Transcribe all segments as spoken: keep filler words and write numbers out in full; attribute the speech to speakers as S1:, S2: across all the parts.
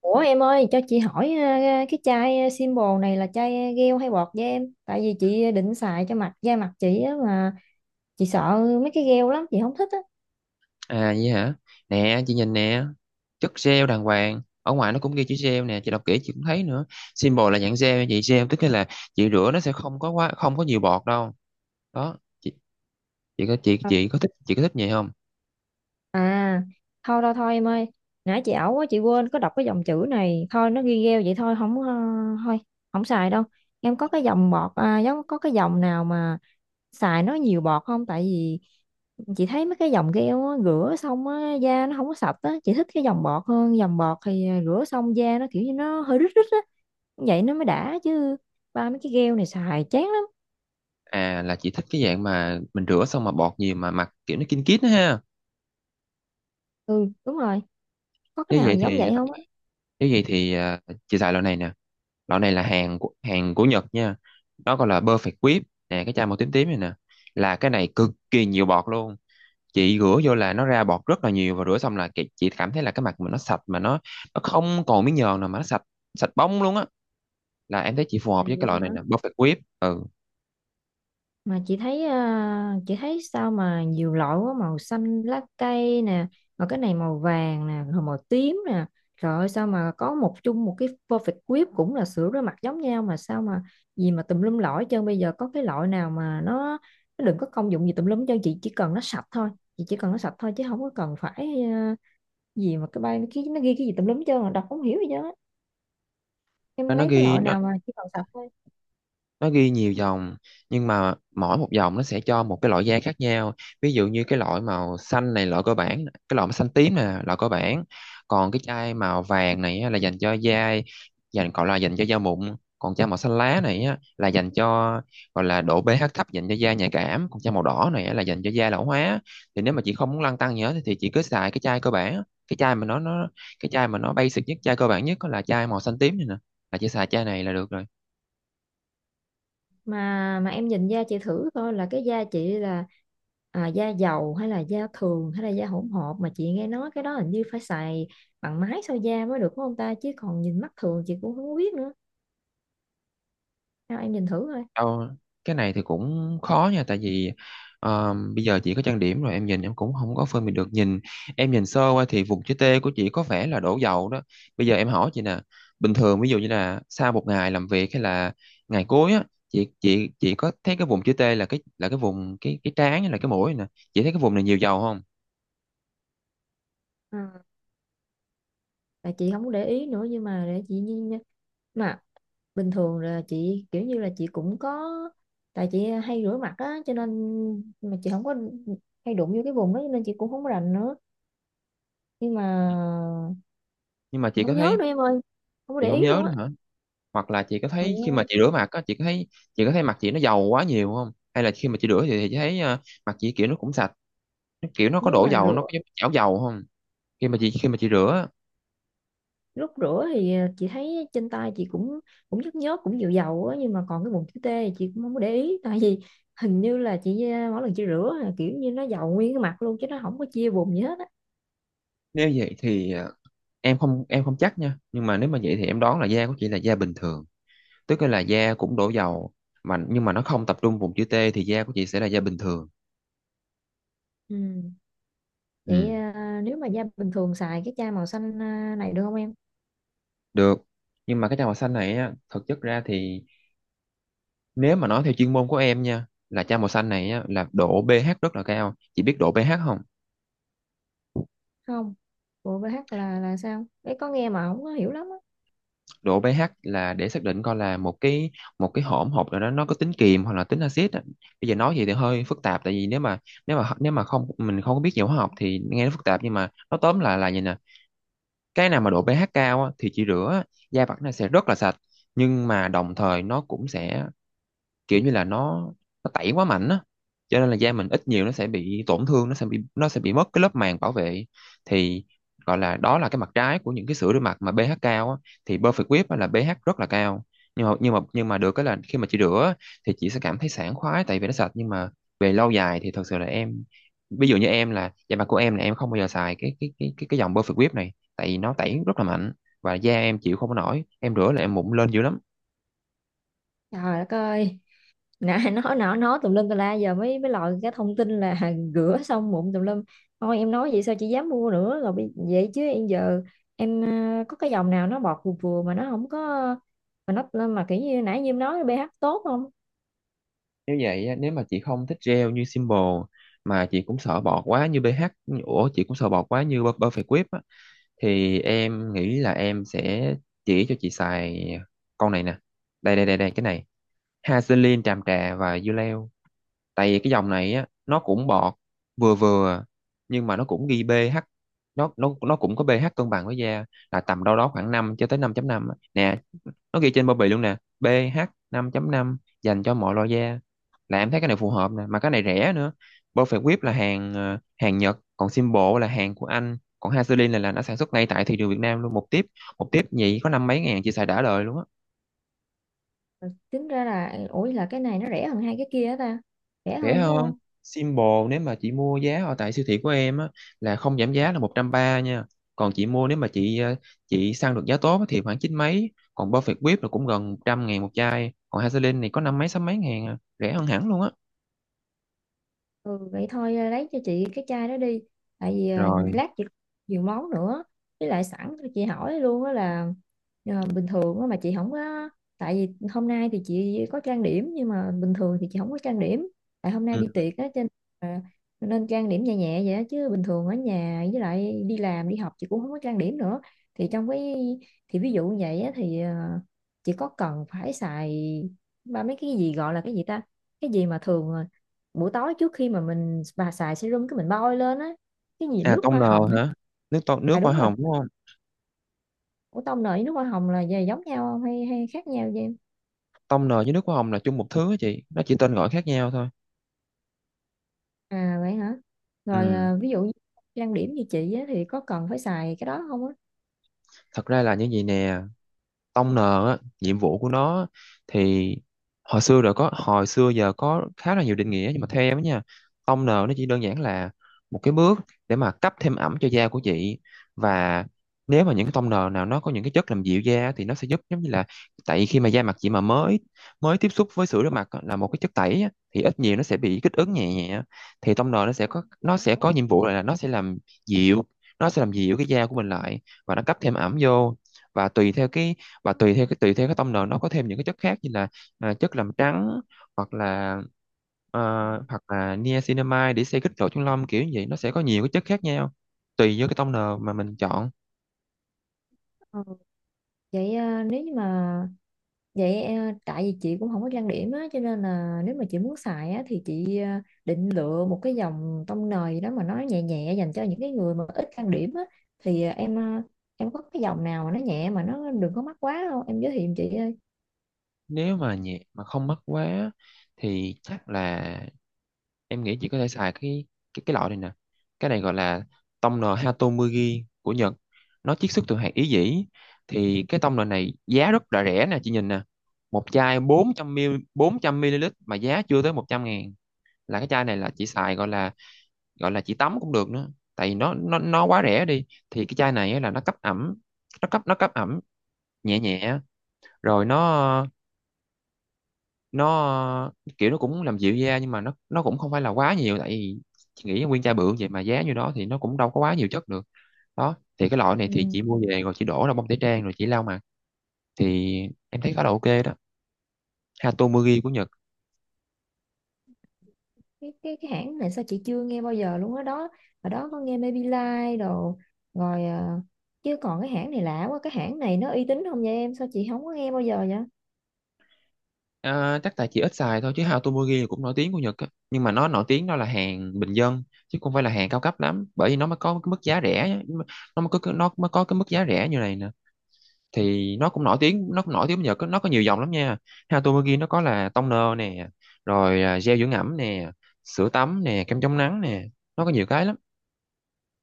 S1: Ủa em ơi, cho chị hỏi ờ, ờ, cái chai ờ, symbol này là chai ờ, gel hay bọt vậy em? Tại vì chị định xài cho mặt da mặt chị á, mà chị sợ mấy cái gel lắm, chị không thích á.
S2: À vậy hả? Nè, chị nhìn nè. Chất gel đàng hoàng. Ở ngoài nó cũng ghi chữ gel nè, chị đọc kỹ chị cũng thấy nữa. Symbol là dạng gel nha chị, gel tức là chị rửa nó sẽ không có quá, không có nhiều bọt đâu. Đó. Chị chị có chị
S1: Ờ.
S2: chị có thích, chị có thích vậy không?
S1: À, thôi thôi thôi em ơi, nãy chị ẩu quá, chị quên có đọc cái dòng chữ này. Thôi nó ghi gel vậy thôi, không ờ, thôi không xài đâu. Em có cái dòng bọt à, giống có cái dòng nào mà xài nó nhiều bọt không? Tại vì chị thấy mấy cái dòng gel á, rửa xong á, da nó không có sạch á, chị thích cái dòng bọt hơn. Dòng bọt thì à, rửa xong da nó kiểu như nó hơi rít rít á, vậy nó mới đã chứ. Ba mấy cái gel này xài chán lắm.
S2: À, là chị thích cái dạng mà mình rửa xong mà bọt nhiều mà mặt kiểu nó kinh kít đó ha.
S1: Ừ đúng rồi, có cái
S2: Như
S1: nào
S2: vậy
S1: giống
S2: thì,
S1: vậy không á?
S2: nếu vậy thì à, chị xài loại này nè. Loại này là hàng của, hàng của Nhật nha. Nó gọi là Perfect Whip. Nè, cái chai màu tím tím này nè. Là cái này cực kỳ nhiều bọt luôn. Chị rửa vô là nó ra bọt rất là nhiều, và rửa xong là chị, chị cảm thấy là cái mặt mình nó sạch mà nó nó không còn miếng nhờn nào mà nó sạch, sạch bóng luôn á. Là em thấy chị phù
S1: À,
S2: hợp với cái
S1: vậy
S2: loại này
S1: hả?
S2: là Perfect Whip. Ừ,
S1: Mà chị thấy à, chị thấy sao mà nhiều loại quá, màu xanh lá cây nè, rồi cái này màu vàng nè, rồi màu tím nè. Trời ơi sao mà có một chung một cái perfect whip cũng là sữa rửa mặt giống nhau mà sao mà gì mà tùm lum lõi hết trơn. Bây giờ có cái loại nào mà nó nó đừng có công dụng gì tùm lum hết trơn, chị chỉ cần nó sạch thôi. Chị chỉ cần nó sạch thôi chứ không có cần phải à, gì mà cái bay nó ghi, nó ghi cái gì tùm lum hết trơn là đọc không hiểu gì hết. Em
S2: nó nó
S1: lấy cái
S2: ghi
S1: loại
S2: nó
S1: nào mà chỉ cần sạch thôi.
S2: nó ghi nhiều dòng, nhưng mà mỗi một dòng nó sẽ cho một cái loại da khác nhau. Ví dụ như cái loại màu xanh này loại cơ bản, cái loại màu xanh tím này là loại cơ bản, còn cái chai màu vàng này á, là dành cho da, dành gọi là dành cho da mụn. Còn chai màu xanh lá này á, là dành cho, gọi là độ pH thấp, dành cho da nhạy cảm. Còn chai màu đỏ này á, là dành cho da lão hóa. Thì nếu mà chị không muốn lăn tăn gì hết thì chị cứ xài cái chai cơ bản, cái chai mà nó nó cái chai mà nó basic nhất, chai cơ bản nhất, đó là chai màu xanh tím này nè, là chị xài chai này là được rồi.
S1: Mà mà em nhìn da chị thử coi, là cái da chị là à, da dầu hay là da thường hay là da hỗn hợp? Mà chị nghe nói cái đó hình như phải xài bằng máy soi da mới được, đúng không ta? Chứ còn nhìn mắt thường chị cũng không biết nữa, sao em nhìn thử thôi.
S2: Đâu, cái này thì cũng khó nha, tại vì ờ, bây giờ chị có trang điểm rồi em nhìn em cũng không có phân biệt được. Nhìn em nhìn sơ qua thì vùng chữ T của chị có vẻ là đổ dầu đó. Bây giờ em hỏi chị nè, bình thường ví dụ như là sau một ngày làm việc hay là ngày cuối á, chị chị chị có thấy cái vùng chữ T là cái là cái vùng cái cái trán hay là cái mũi nè, chị thấy cái vùng này nhiều dầu không?
S1: À, tại chị không có để ý nữa nhưng mà để chị nhìn. Mà bình thường là chị kiểu như là chị cũng có, tại chị hay rửa mặt á cho nên, mà chị không có hay đụng vô cái vùng đó cho nên chị cũng không có rành nữa. Nhưng mà
S2: Nhưng mà
S1: chị
S2: chị có
S1: không nhớ
S2: thấy,
S1: nữa em ơi, không có
S2: chị
S1: để
S2: không
S1: ý
S2: nhớ
S1: luôn
S2: nữa
S1: á.
S2: hả? Hoặc là chị có
S1: Ừ.
S2: thấy khi mà chị rửa mặt á, chị có thấy, chị có thấy mặt chị nó dầu quá nhiều không, hay là khi mà chị rửa thì chị thấy ờ, mặt chị kiểu nó cũng sạch, kiểu nó có
S1: Nếu
S2: đổ
S1: mà
S2: dầu, nó
S1: rửa,
S2: có giống chảo dầu không? Khi mà chị khi mà chị rửa á,
S1: lúc rửa thì ờ, chị thấy trên tay chị cũng cũng nhức nhớp, cũng dịu dầu á, nhưng mà còn cái vùng chữ T thì chị cũng không có để ý. Tại vì hình như là chị ờ, mỗi lần chị rửa là kiểu như nó dầu nguyên cái mặt luôn chứ nó không có chia vùng gì hết á.
S2: nếu vậy thì à, em không em không chắc nha, nhưng mà nếu mà vậy thì em đoán là da của chị là da bình thường, tức là da cũng đổ dầu mà nhưng mà nó không tập trung vùng chữ T, thì da của chị sẽ là da bình thường.
S1: Ừ. Vậy
S2: Ừ,
S1: ờ, nếu mà da bình thường xài cái chai màu xanh ờ, này được không em?
S2: được, nhưng mà cái chai màu xanh này á thực chất ra thì, nếu mà nói theo chuyên môn của em nha, là chai màu xanh này á là độ pH rất là cao. Chị biết độ pH không?
S1: Không, bộ bê hát là là sao đấy, có nghe mà không có hiểu lắm á.
S2: Độ pH là để xác định coi là một cái một cái hỗn hợp nào đó nó có tính kiềm hoặc là tính axit á. Bây giờ nói vậy thì hơi phức tạp, tại vì nếu mà nếu mà nếu mà không mình không có biết về hóa học thì nghe nó phức tạp, nhưng mà nó tóm lại là như nè: cái nào mà độ pH cao á, thì chỉ rửa da mặt nó sẽ rất là sạch, nhưng mà đồng thời nó cũng sẽ, kiểu như là nó nó tẩy quá mạnh á, cho nên là da mình ít nhiều nó sẽ bị tổn thương, nó sẽ bị, nó sẽ bị mất cái lớp màng bảo vệ. Thì gọi là, đó là cái mặt trái của những cái sữa rửa mặt mà pH cao á. Thì Perfect Whip á là pH rất là cao, nhưng mà nhưng mà nhưng mà được cái là khi mà chị rửa á, thì chị sẽ cảm thấy sảng khoái tại vì nó sạch, nhưng mà về lâu dài thì thật sự là em, ví dụ như em, là da mặt của em là em không bao giờ xài cái cái cái cái cái dòng Perfect Whip này, tại vì nó tẩy rất là mạnh và da em chịu không có nổi, em rửa là em mụn lên dữ lắm.
S1: Trời đất ơi, nãy nói nói nói tùm lum tùm la giờ mới mới lòi cái thông tin là rửa xong mụn tùm lum. Thôi em nói vậy sao chị dám mua nữa, rồi bây- vậy chứ em giờ em ờ, có cái dòng nào nó bọt vừa vừa mà nó không có, mà nó mà kiểu như nãy như em nói pH tốt không?
S2: Nếu vậy á, nếu mà chị không thích gel như Simple, mà chị cũng sợ bọt quá như bê hát, ủa, chị cũng sợ bọt quá như Per- Perfect Whip á, thì em nghĩ là em sẽ chỉ cho chị xài con này nè. Đây đây đây đây, cái này. Vaseline tràm trà và dưa leo. Tại vì cái dòng này á nó cũng bọt vừa vừa, nhưng mà nó cũng ghi pH, nó nó nó cũng có pH cân bằng với da, là tầm đâu đó khoảng năm cho tới năm chấm năm á. Nè, nó ghi trên bao bì luôn nè, pê hát năm chấm năm, dành cho mọi loại da. Là em thấy cái này phù hợp nè, mà cái này rẻ nữa. Perfect Whip là hàng ờ, hàng Nhật, còn Symbol là hàng của Anh, còn Vaseline là là nó sản xuất ngay tại thị trường Việt Nam luôn. Một tiếp một tiếp nhị có năm mấy ngàn, chị xài đã đời luôn á.
S1: Tính ra là ủi là cái này nó rẻ hơn hai cái kia á ta. Rẻ
S2: Rẻ
S1: hơn đúng
S2: hơn
S1: không?
S2: Symbol. Nếu mà chị mua giá ở tại siêu thị của em á, là không giảm giá là một trăm ba nha. Còn chị mua, nếu mà chị ờ, chị săn được giá tốt á thì khoảng chín mấy. Còn Perfect Whip là cũng gần một trăm ngàn một chai. Còn Vaseline thì có năm mấy sáu mấy ngàn à, rẻ hơn hẳn luôn á.
S1: Ừ, vậy thôi à, lấy cho chị cái chai đó đi, tại vì à,
S2: Rồi.
S1: lát chị nhiều món nữa. Với lại sẵn cho chị hỏi luôn đó là à, bình thường á mà chị không có, tại vì hôm nay thì chị có trang điểm nhưng mà bình thường thì chị không có trang điểm, tại hôm nay đi
S2: Ừm.
S1: tiệc á cho nên à, nên trang điểm nhẹ nhẹ vậy đó. Chứ bình thường ở nhà với lại đi làm đi học chị cũng không có trang điểm nữa. Thì trong cái, thì ví dụ như vậy á, thì à, chị có cần phải xài ba mấy cái gì gọi là cái gì ta, cái gì mà thường à, buổi tối trước khi mà mình bà xài serum cái mình bôi lên á, cái gì
S2: À,
S1: nước
S2: tông
S1: hoa
S2: nờ
S1: hồng hay.
S2: hả? Nước tông,
S1: À
S2: nước hoa
S1: đúng rồi,
S2: hồng đúng không?
S1: ủa tông nợ với nước hoa hồng là về giống nhau không hay hay khác nhau vậy em?
S2: Tông nờ với nước hoa hồng là chung một thứ á chị, nó chỉ tên gọi khác nhau thôi.
S1: À vậy hả. Rồi
S2: Ừm,
S1: à, ví dụ như trang điểm như chị á, thì có cần phải xài cái đó không á?
S2: thật ra là như vậy nè, Tông N á, nhiệm vụ của nó thì hồi xưa rồi có, hồi xưa giờ có khá là nhiều định nghĩa, nhưng mà theo em á nha, Tông N nó chỉ đơn giản là một cái bước để mà cấp thêm ẩm cho da của chị. Và nếu mà những cái tông N nào nó có những cái chất làm dịu da thì nó sẽ giúp, giống như là tại khi mà da mặt chị mà mới mới tiếp xúc với sữa rửa mặt á, là một cái chất tẩy á, thì ít nhiều nó sẽ bị kích ứng nhẹ nhẹ. Thì tông N nó sẽ có nó sẽ có nhiệm vụ là nó sẽ làm dịu, nó sẽ làm dịu cái da của mình lại, và nó cấp thêm ẩm vô. Và tùy theo cái và tùy theo cái tùy theo cái tông nền, nó có thêm những cái chất khác như là à, chất làm trắng, hoặc là ờ, hoặc là niacinamide để xây kích lỗ chân lông kiểu như vậy, nó sẽ có nhiều cái chất khác nhau tùy vô cái tông nền mà mình chọn.
S1: Ừ. Vậy à, nếu như mà vậy ờ, tại vì chị cũng không có trang điểm á cho nên là nếu mà chị muốn xài á thì chị ờ, định lựa một cái dòng tông nền gì đó mà nó nhẹ nhẹ dành cho những cái người mà ít trang điểm á, thì ờ, em ờ, em có cái dòng nào mà nó nhẹ mà nó đừng có mắc quá không em, giới thiệu giùm chị ơi.
S2: Nếu mà nhẹ mà không mất quá, thì chắc là em nghĩ chị có thể xài cái, cái, cái loại này nè. Cái này gọi là tông nồi Hatomugi của Nhật, nó chiết xuất từ hạt ý dĩ. Thì cái tông nồi này giá rất là rẻ nè, chị nhìn nè, một chai bốn trăm mi li lít. bốn trăm mi li lít mà giá chưa tới một trăm ngàn. Là cái chai này là chị xài, gọi là, gọi là chị tắm cũng được nữa, tại vì nó nó nó quá rẻ đi. Thì cái chai này á là nó cấp ẩm, nó cấp nó cấp ẩm nhẹ nhẹ. Rồi nó nó kiểu nó cũng làm dịu da, nhưng mà nó nó cũng không phải là quá nhiều, tại vì chị nghĩ nguyên chai bự vậy mà giá như đó thì nó cũng đâu có quá nhiều chất được. Đó, thì cái loại này thì
S1: Ừ.
S2: chị mua về rồi chị đổ ra bông tẩy trang rồi chị lau mặt. Thì em thấy khá là ok đó. Hatomugi của Nhật.
S1: cái, cái cái hãng này sao chị chưa nghe bao giờ luôn á đó. Ở đó có nghe Maybelline đồ rồi ờ, chứ còn cái hãng này lạ quá, cái hãng này nó uy tín không vậy em, sao chị không có nghe bao giờ vậy?
S2: À, chắc tại chị ít xài thôi, chứ Hatomugi cũng nổi tiếng của Nhật á, nhưng mà nó nổi tiếng đó là hàng bình dân chứ không phải là hàng cao cấp lắm, bởi vì nó mới có cái mức giá rẻ á, nó mới có nó mới có cái mức giá rẻ như này nè. Thì nó cũng nổi tiếng nó cũng nổi tiếng nhờ có- nó có nhiều dòng lắm nha. Hatomugi nó có là toner nè, rồi à, gel dưỡng ẩm nè, sữa tắm nè, kem chống nắng nè, nó có nhiều cái lắm,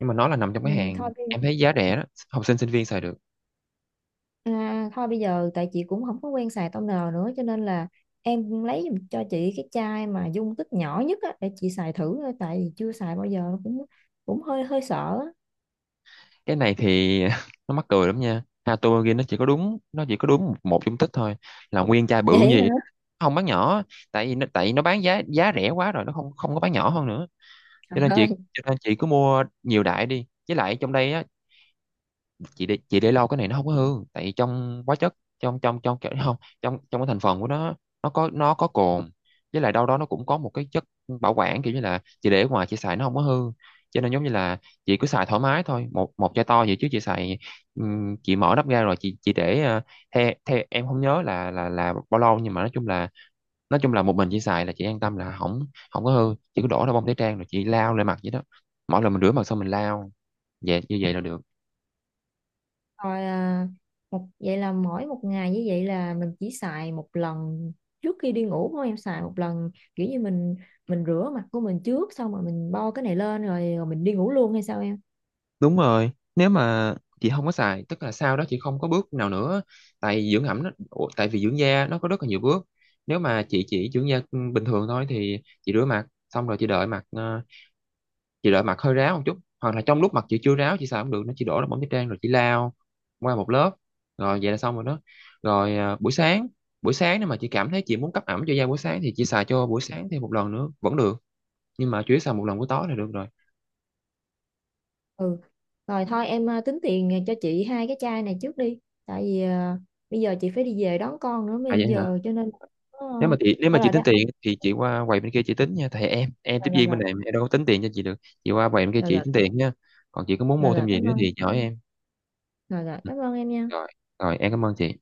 S2: nhưng mà nó là nằm trong
S1: Ừ,
S2: cái
S1: thôi.
S2: hàng em thấy giá rẻ đó, học sinh sinh viên xài được.
S1: À, thôi bây giờ tại chị cũng không có quen xài toner nữa cho nên là em lấy giùm cho chị cái chai mà dung tích nhỏ nhất á, để chị xài thử thôi, tại vì chưa xài bao giờ cũng cũng hơi hơi sợ á.
S2: Cái này thì nó mắc cười lắm nha, Hatomugi nó chỉ có đúng nó chỉ có đúng một một dung tích thôi, là nguyên chai bự
S1: Vậy hả.
S2: gì, không bán nhỏ, tại vì nó, tại vì nó bán giá giá rẻ quá rồi nó không không có bán nhỏ hơn nữa.
S1: Trời
S2: cho nên chị
S1: ơi.
S2: cho nên chị cứ mua nhiều đại đi, với lại trong đây á, chị để chị để lâu cái này nó không có hư, tại vì trong hóa chất, trong trong trong kiểu không, trong trong cái thành phần của nó, nó có nó có cồn, với lại đâu đó nó cũng có một cái chất bảo quản, kiểu như là chị để ở ngoài chị xài nó không có hư. Cho nên giống như là chị cứ xài thoải mái thôi, một một chai to vậy chứ chị xài. Ừm, chị mở nắp ra rồi chị chị để ờ, theo theo em không nhớ là là là bao lâu, nhưng mà nói chung là nói chung là một mình chị xài là chị an tâm là không, không có hư. Chị cứ đổ ra bông tẩy trang rồi chị lao lên mặt vậy đó, mỗi lần mình rửa mặt xong mình lao vậy, như vậy là được.
S1: Rồi à, một vậy là mỗi một ngày như vậy là mình chỉ xài một lần trước khi đi ngủ thôi em? Xài một lần kiểu như mình mình rửa mặt của mình trước xong rồi mình bo cái này lên rồi, rồi mình đi ngủ luôn hay sao em?
S2: Đúng rồi, nếu mà chị không có xài, tức là sau đó chị không có bước nào nữa, tại dưỡng ẩm nó, ủa, tại vì dưỡng da nó có rất là nhiều bước. Nếu mà chị chỉ dưỡng da ừ, bình thường thôi, thì chị rửa mặt, xong rồi chị đợi mặt, ờ, chị đợi mặt hơi ráo một chút, hoặc là trong lúc mặt chị chưa ráo chị xài không được, nó chỉ đổ ra bóng tẩy trang rồi chị lao qua một lớp, rồi vậy là xong rồi đó. Rồi ờ, buổi sáng, buổi sáng nếu mà chị cảm thấy chị muốn cấp ẩm cho da buổi sáng thì chị xài cho buổi sáng thêm một lần nữa vẫn được, nhưng mà chủ yếu xài một lần buổi tối là được rồi.
S1: Ừ. Rồi thôi em ờ, tính tiền cho chị hai cái chai này trước đi, tại vì ờ, bây giờ chị phải đi về đón con nữa
S2: À
S1: bây
S2: vậy hả?
S1: giờ cho nên ờ,
S2: Nếu mà chị nếu mà
S1: ở
S2: chị
S1: lại đó.
S2: tính tiền thì chị qua quầy bên kia chị tính nha, thầy em em tiếp
S1: rồi
S2: viên bên
S1: rồi
S2: này em đâu có tính tiền cho chị được. Chị qua quầy bên kia
S1: rồi rồi
S2: chị
S1: rồi
S2: tính tiền nha, còn chị có muốn
S1: rồi
S2: mua thêm
S1: rồi
S2: gì
S1: cảm
S2: nữa
S1: ơn,
S2: thì chị hỏi em.
S1: rồi rồi
S2: Ừ,
S1: cảm ơn em nha.
S2: rồi rồi, em cảm ơn chị.